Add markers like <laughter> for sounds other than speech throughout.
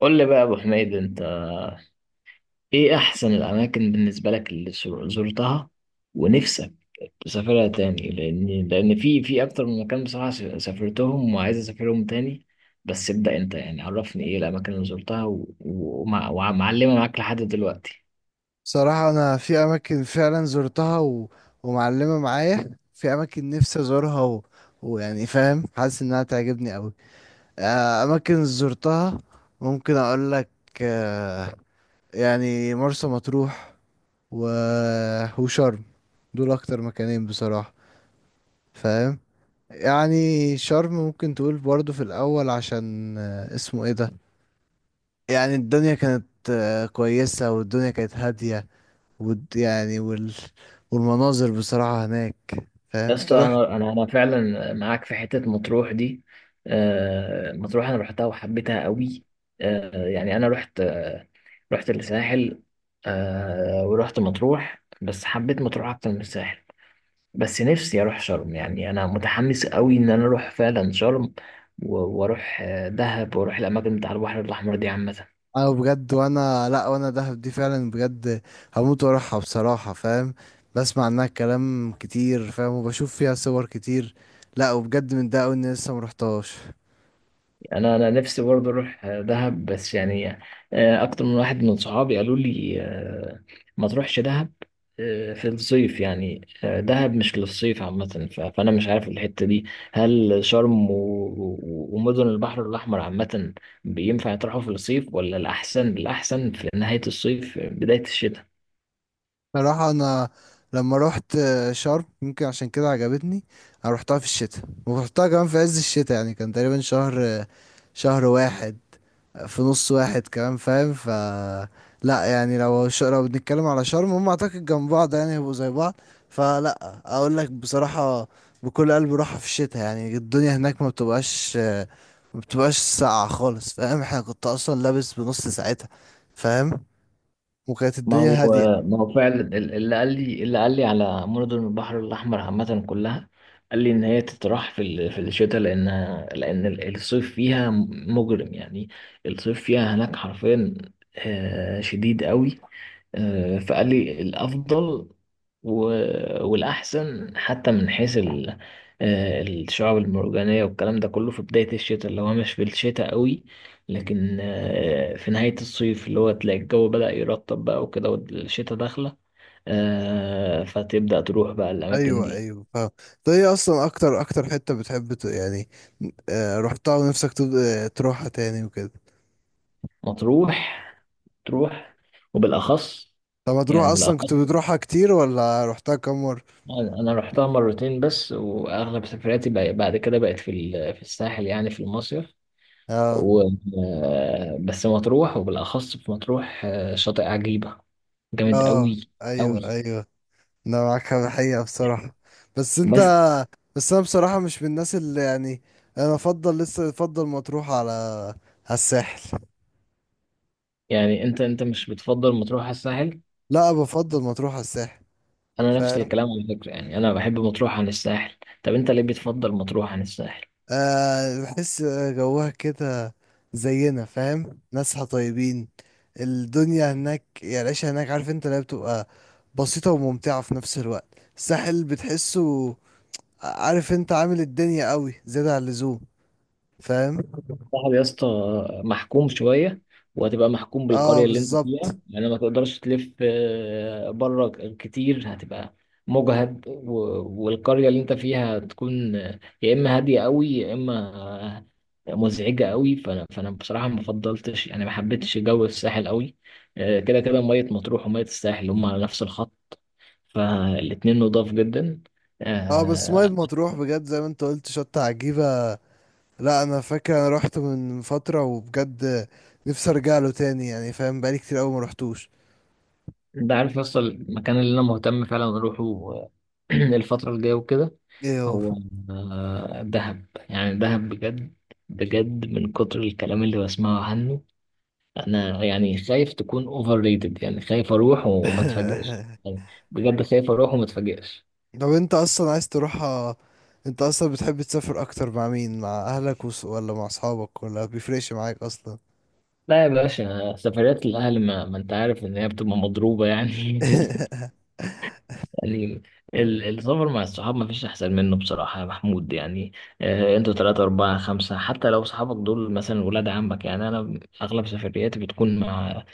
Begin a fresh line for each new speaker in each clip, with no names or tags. قول لي بقى يا ابو حميد، انت ايه احسن الاماكن بالنسبه لك اللي زرتها، ونفسك تسافرها تاني؟ لان في اكتر من مكان بصراحه سافرتهم وعايز اسافرهم تاني. بس ابدا انت، يعني عرفني ايه الاماكن اللي زرتها ومعلمه معاك لحد دلوقتي.
صراحة أنا في أماكن فعلا زرتها ومعلمة معايا في أماكن نفسي أزورها ويعني فاهم حاسس إنها تعجبني أوي. أماكن زرتها ممكن أقول لك. آه، يعني مرسى مطروح و... وشرم، دول أكتر مكانين بصراحة فاهم. يعني شرم ممكن تقول برضو في الأول عشان اسمه إيه ده، يعني الدنيا كانت كويسة والدنيا كانت هادية يعني والمناظر بصراحة هناك
يا
فاهم
اسطى،
تروح.
انا فعلا معاك في حته مطروح دي. مطروح انا رحتها وحبيتها قوي. يعني انا رحت، الساحل. ورحت مطروح، بس حبيت مطروح اكتر من الساحل. بس نفسي اروح شرم، يعني انا متحمس قوي ان انا اروح فعلا شرم، واروح دهب، واروح الاماكن بتاع البحر الاحمر دي عامه.
انا بجد وانا لا وانا دهب دي فعلا بجد هموت واروحها بصراحة فاهم. بسمع عنها كلام كتير فاهم وبشوف فيها صور كتير. لا وبجد من ده أوي اني لسه مرحتهاش.
انا نفسي برضه اروح دهب، بس يعني اكتر من واحد من صحابي قالوا لي ما تروحش دهب في الصيف، يعني دهب مش للصيف عامة. فأنا مش عارف الحتة دي، هل شرم ومدن البحر الأحمر عامة بينفع يطرحوا في الصيف، ولا الأحسن، الأحسن في نهاية الصيف بداية الشتاء؟
بصراحة انا لما روحت شرم يمكن عشان كده عجبتني. انا روحتها في الشتاء ورحتها كمان في عز الشتاء يعني كان تقريبا شهر واحد في نص واحد كمان فاهم. لا يعني لو بنتكلم على شرم هم اعتقد جنب بعض يعني هيبقوا زي بعض. فلا اقول لك بصراحة بكل قلب روحها في الشتاء يعني الدنيا هناك ما بتبقاش ساقعة خالص فاهم. احنا كنت اصلا لابس بنص ساعتها فاهم وكانت
ما
الدنيا
هو
هادية.
ما هو فعلا ال- اللي قال لي على مدن البحر الأحمر عامة كلها قال لي إن هي تتراح في الشتاء، لأن الصيف فيها مجرم يعني، الصيف فيها هناك حرفيا شديد قوي. فقال لي الأفضل والأحسن حتى الشعاب المرجانية والكلام ده كله في بداية الشتاء، اللي هو مش في الشتاء قوي، لكن في نهاية الصيف، اللي هو تلاقي الجو بدأ يرطب بقى وكده، والشتاء داخلة. فتبدأ تروح بقى الأماكن
ايوه
دي.
ايوه فاهم. طيب ايه اصلا اكتر حتة بتحب يعني رحتها ونفسك تروحها تاني وكده؟
مطروح، تروح، وبالأخص،
طب ما تروح
يعني
اصلا كنت
بالأخص،
بتروحها كتير ولا رحتها كم مرة؟
أنا رحتها مرتين بس، وأغلب سفرياتي بعد كده بقت في الساحل، يعني في المصيف.
اه
و... بس مطروح، وبالأخص في مطروح شاطئ عجيبة جامد
اه
أوي أوي.
ايوه ايوه. انا معاك في الحقيقة بصراحة. بس انت
بس
بس انا بصراحة مش من الناس اللي يعني انا لسه افضل مطروح على الساحل.
يعني أنت مش بتفضل مطروح على الساحل؟
لا بفضل مطروح على الساحل
أنا نفس
فاهم.
الكلام على فكرة، يعني أنا بحب مطروح عن الساحل. طب أنت ليه بتفضل مطروح عن الساحل؟
آه بحس جوها كده زينا فاهم ناسها طيبين. الدنيا هناك يعني العيشة هناك عارف انت اللي هي بتبقى بسيطة وممتعة في نفس الوقت. الساحل بتحسه عارف انت عامل الدنيا قوي زيادة عن اللزوم فاهم.
صاحبي يا اسطى محكوم شوية، وهتبقى محكوم
اه
بالقرية اللي انت
بالظبط.
فيها، يعني ما تقدرش تلف بره كتير. هتبقى مجهد، والقرية اللي انت فيها هتكون يا اما هادية قوي، يا اما مزعجة قوي. فانا بصراحة ما فضلتش، يعني ما حبيتش جو الساحل قوي. كده كده مية مطروح ومية الساحل هم على نفس الخط، فالاتنين نضاف جدا.
اه بس ميه
آه،
مطروح بجد زي ما انت قلت شطة عجيبة. لا انا فاكر انا رحت من فترة وبجد نفسي ارجع له تاني يعني فاهم بقالي كتير قوي ما رحتوش.
ده عارف يا اسطى المكان اللي انا مهتم فعلا اروحه، <clears throat> الفترة الجاية وكده؟
ايه هو؟
هو دهب، يعني دهب بجد، بجد من كتر الكلام اللي بسمعه عنه. انا يعني خايف تكون اوفر ريتد، يعني خايف اروح وما اتفاجئش،
<laughs>
يعني بجد خايف اروح وما اتفاجئش.
طب انت اصلا عايز تروحها؟ انت اصلا بتحب تسافر اكتر مع مين، مع اهلك ولا مع اصحابك ولا بيفرقش معاك اصلا؟
لا يا باشا، سفريات الاهل، ما انت عارف ان هي بتبقى مضروبة يعني <laughs>
<laughs>
يعني السفر مع الصحاب ما فيش احسن منه بصراحة يا محمود، يعني انتوا ثلاثة أربعة خمسة حتى لو صحابك دول مثلا ولاد عمك. يعني انا اغلب سفرياتي بتكون مع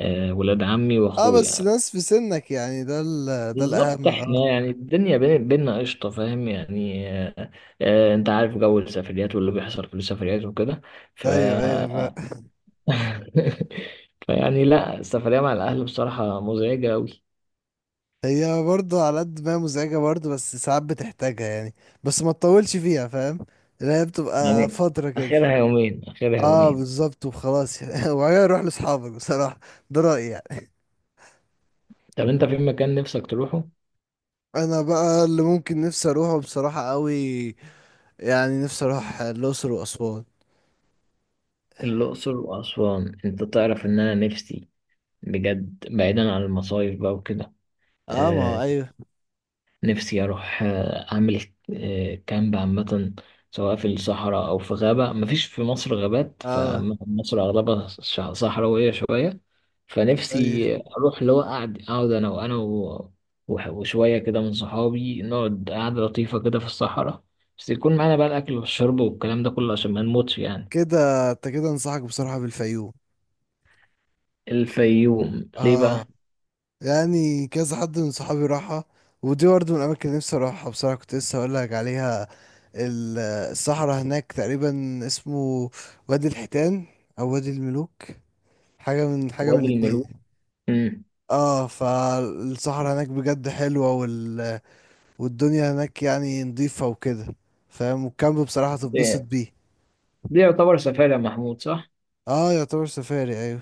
ولاد عمي
اه بس
واخويا.
ناس في سنك يعني ده
بالظبط،
الاهم
احنا
اه.
يعني الدنيا بين بينا قشطة، فاهم يعني انت عارف جو السفريات واللي بيحصل في السفريات وكده. ف
ايوه ايوه
<laughs> فيعني لا، السفرية مع الأهل بصراحة مزعجة أوي.
هي برضه على قد ما هي مزعجة برضه بس ساعات بتحتاجها يعني بس ما تطولش فيها فاهم اللي هي بتبقى
يعني
فترة كده.
آخرها يومين، آخرها
اه
يومين.
بالظبط وخلاص يعني <laughs> وبعدين اروح لاصحابك بصراحة. ده رأيي يعني.
طب أنت في مكان نفسك تروحه؟
انا بقى اللي ممكن نفسي اروحه بصراحة قوي يعني نفسي اروح الاقصر واسوان.
الأقصر وأسوان، أنت تعرف إن أنا نفسي، بجد بعيدا عن المصايف بقى وكده،
اه ما هو ايوه
نفسي أروح أعمل كامب عامة، سواء في الصحراء أو في غابة. مفيش في مصر غابات،
اه
فمصر أغلبها صحراوية شوية. فنفسي
أيوة.
أروح اللي هو أقعد، أقعد أنا وأنا و- وح- وشوية كده من صحابي، نقعد قعدة لطيفة كده في الصحراء، بس يكون معانا بقى الأكل والشرب والكلام ده كله عشان ما نموتش يعني.
كده انت كده انصحك بصراحة بالفيوم.
الفيوم ليه
اه
بقى؟
يعني كذا حد من صحابي راحها ودي برضه من الأماكن اللي نفسي أروحها بصراحة كنت لسه هقولك عليها. ال- الصحراء هناك تقريبا اسمه وادي الحيتان أو وادي الملوك، حاجة من
وادي
الاتنين.
الملوك. مم.
اه فالصحراء هناك بجد حلوة والدنيا هناك يعني نضيفة وكده فاهم والكامب بصراحة تتبسط
ده
بيه.
ده يعتبر سفاري يا محمود صح؟
اه يعتبر سفاري ايوه.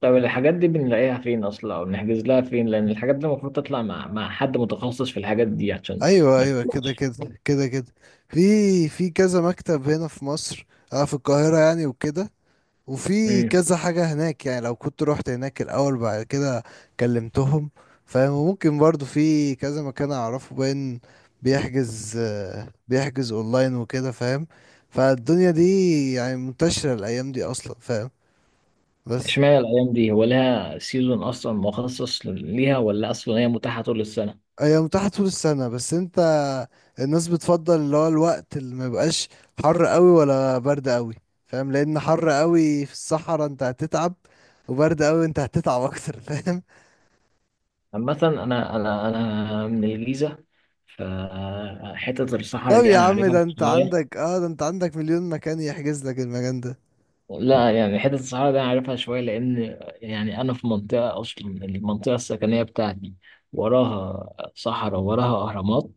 طب الحاجات دي بنلاقيها فين اصلا، او بنحجز لها فين؟ لان الحاجات دي المفروض تطلع مع حد متخصص في الحاجات دي عشان
ايوه
ما
ايوه كده
تطلعش.
كده كده كده. في في كذا مكتب هنا في مصر. انا في القاهرة يعني وكده. وفي
امم.
كذا حاجة هناك يعني لو كنت رحت هناك الأول بعد كده كلمتهم فاهم. وممكن برضو في كذا مكان أعرفه باين بيحجز أونلاين وكده فاهم. فالدنيا دي يعني منتشرة الأيام دي أصلا فاهم. بس
اشمعنى الايام دي؟ هو لها سيزون اصلا مخصص ليها، ولا اصلا هي متاحه طول السنه؟
هي متاحة طول السنة بس انت الناس بتفضل اللي هو الوقت اللي ما يبقاش حر قوي ولا برد قوي فاهم. لأن حر قوي في الصحراء انت هتتعب وبرد قوي انت هتتعب أكتر <laughs> فاهم.
عامه، انا انا من الجيزه، فحته
طب
الصحراء دي
يا
انا
عم،
عارفها
ده انت
شويه.
عندك اه ده انت عندك مليون مكان يحجز لك المكان ده.
لا يعني حته الصحراء دي انا عارفها شويه، لان يعني انا في منطقه، اصلا المنطقه السكنيه بتاعتي وراها صحراء، وراها اهرامات.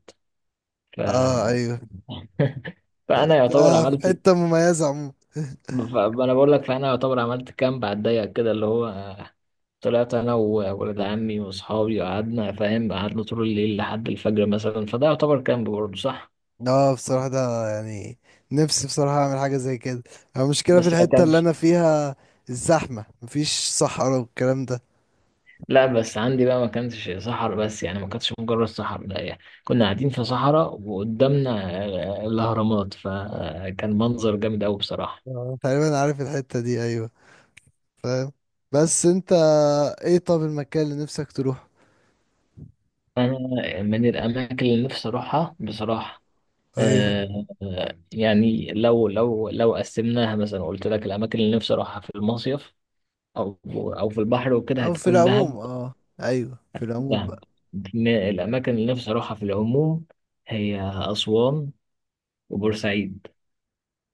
ف
اه ايوه.
<laughs> فانا يعتبر
ده في
عملت،
حتة مميزة عموما <laughs>
ف- انا بقول لك، فانا يعتبر عملت كامب على الضيق كده، اللي هو طلعت انا وولد عمي واصحابي، وقعدنا فاهم، قعدنا طول الليل لحد الفجر مثلا، فده يعتبر كامب برضه صح؟
اه بصراحة ده يعني نفسي بصراحة اعمل حاجة زي كده. المشكلة في
بس ما
الحتة اللي
كانش،
انا فيها الزحمة مفيش صحراء والكلام ده.
لا بس عندي بقى ما كانش صحراء، بس يعني ما كانتش مجرد صحراء، لا يعني كنا قاعدين في صحراء وقدامنا الاهرامات، فكان منظر جامد قوي بصراحة.
آه. تقريبا عارف الحتة دي ايوه فاهم. بس انت ايه، طب المكان اللي نفسك تروح؟
انا من الاماكن اللي نفسي اروحها بصراحة،
ايوه
يعني، لو قسمناها مثلا، قلت لك الاماكن اللي نفسي اروحها في المصيف، او في البحر وكده،
او في
هتكون دهب.
العموم اه. ايوه في العموم
دهب.
بقى.
الاماكن اللي نفسي اروحها في العموم هي اسوان وبورسعيد.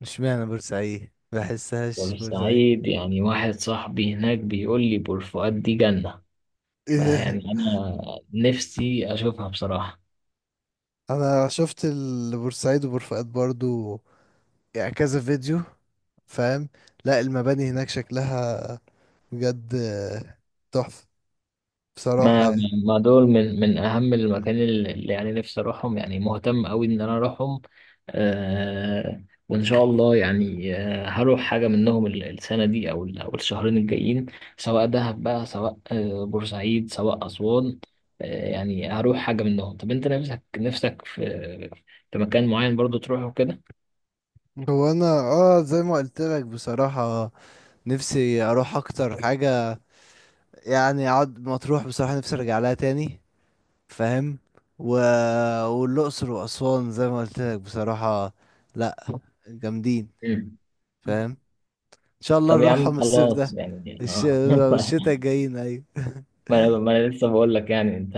مش معنى بورسعيد بحسهاش بورسعيد.
بورسعيد يعني، واحد صاحبي هناك بيقول لي بور فؤاد دي جنة، فيعني
<laughs>
انا نفسي اشوفها بصراحة.
انا شفت البورسعيد وبورفؤاد برضو يعني كذا فيديو فاهم. لا المباني هناك شكلها بجد تحفة بصراحة
ما
يعني.
ما دول من اهم المكان اللي يعني نفسي اروحهم، يعني مهتم قوي ان انا اروحهم. وان شاء الله يعني هروح حاجه منهم السنه دي، او او الشهرين الجايين، سواء دهب بقى، سواء بورسعيد، سواء اسوان. يعني هروح حاجه منهم. طب انت نفسك في مكان معين برضو تروحه كده؟
هو انا اه زي ما قلت لك بصراحة نفسي اروح اكتر حاجة يعني اقعد مطروح بصراحة نفسي ارجع لها تاني فاهم. و... والاقصر واسوان زي ما قلت لك بصراحة لا جامدين
مم.
فاهم. ان شاء الله
طب يا عم
نروحهم الصيف
خلاص،
ده.
يعني
الش...
اه <laughs>
الشتاء الجايين ايوه.
ما أنا لسه بقول لك، يعني انت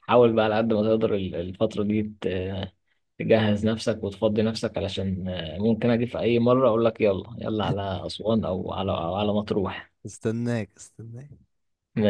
حاول بقى على قد ما تقدر الفترة دي تجهز نفسك وتفضي نفسك، علشان ممكن اجي في اي مرة اقول لك يلا يلا على اسوان، او على أو على مطروح.
استناك استناك.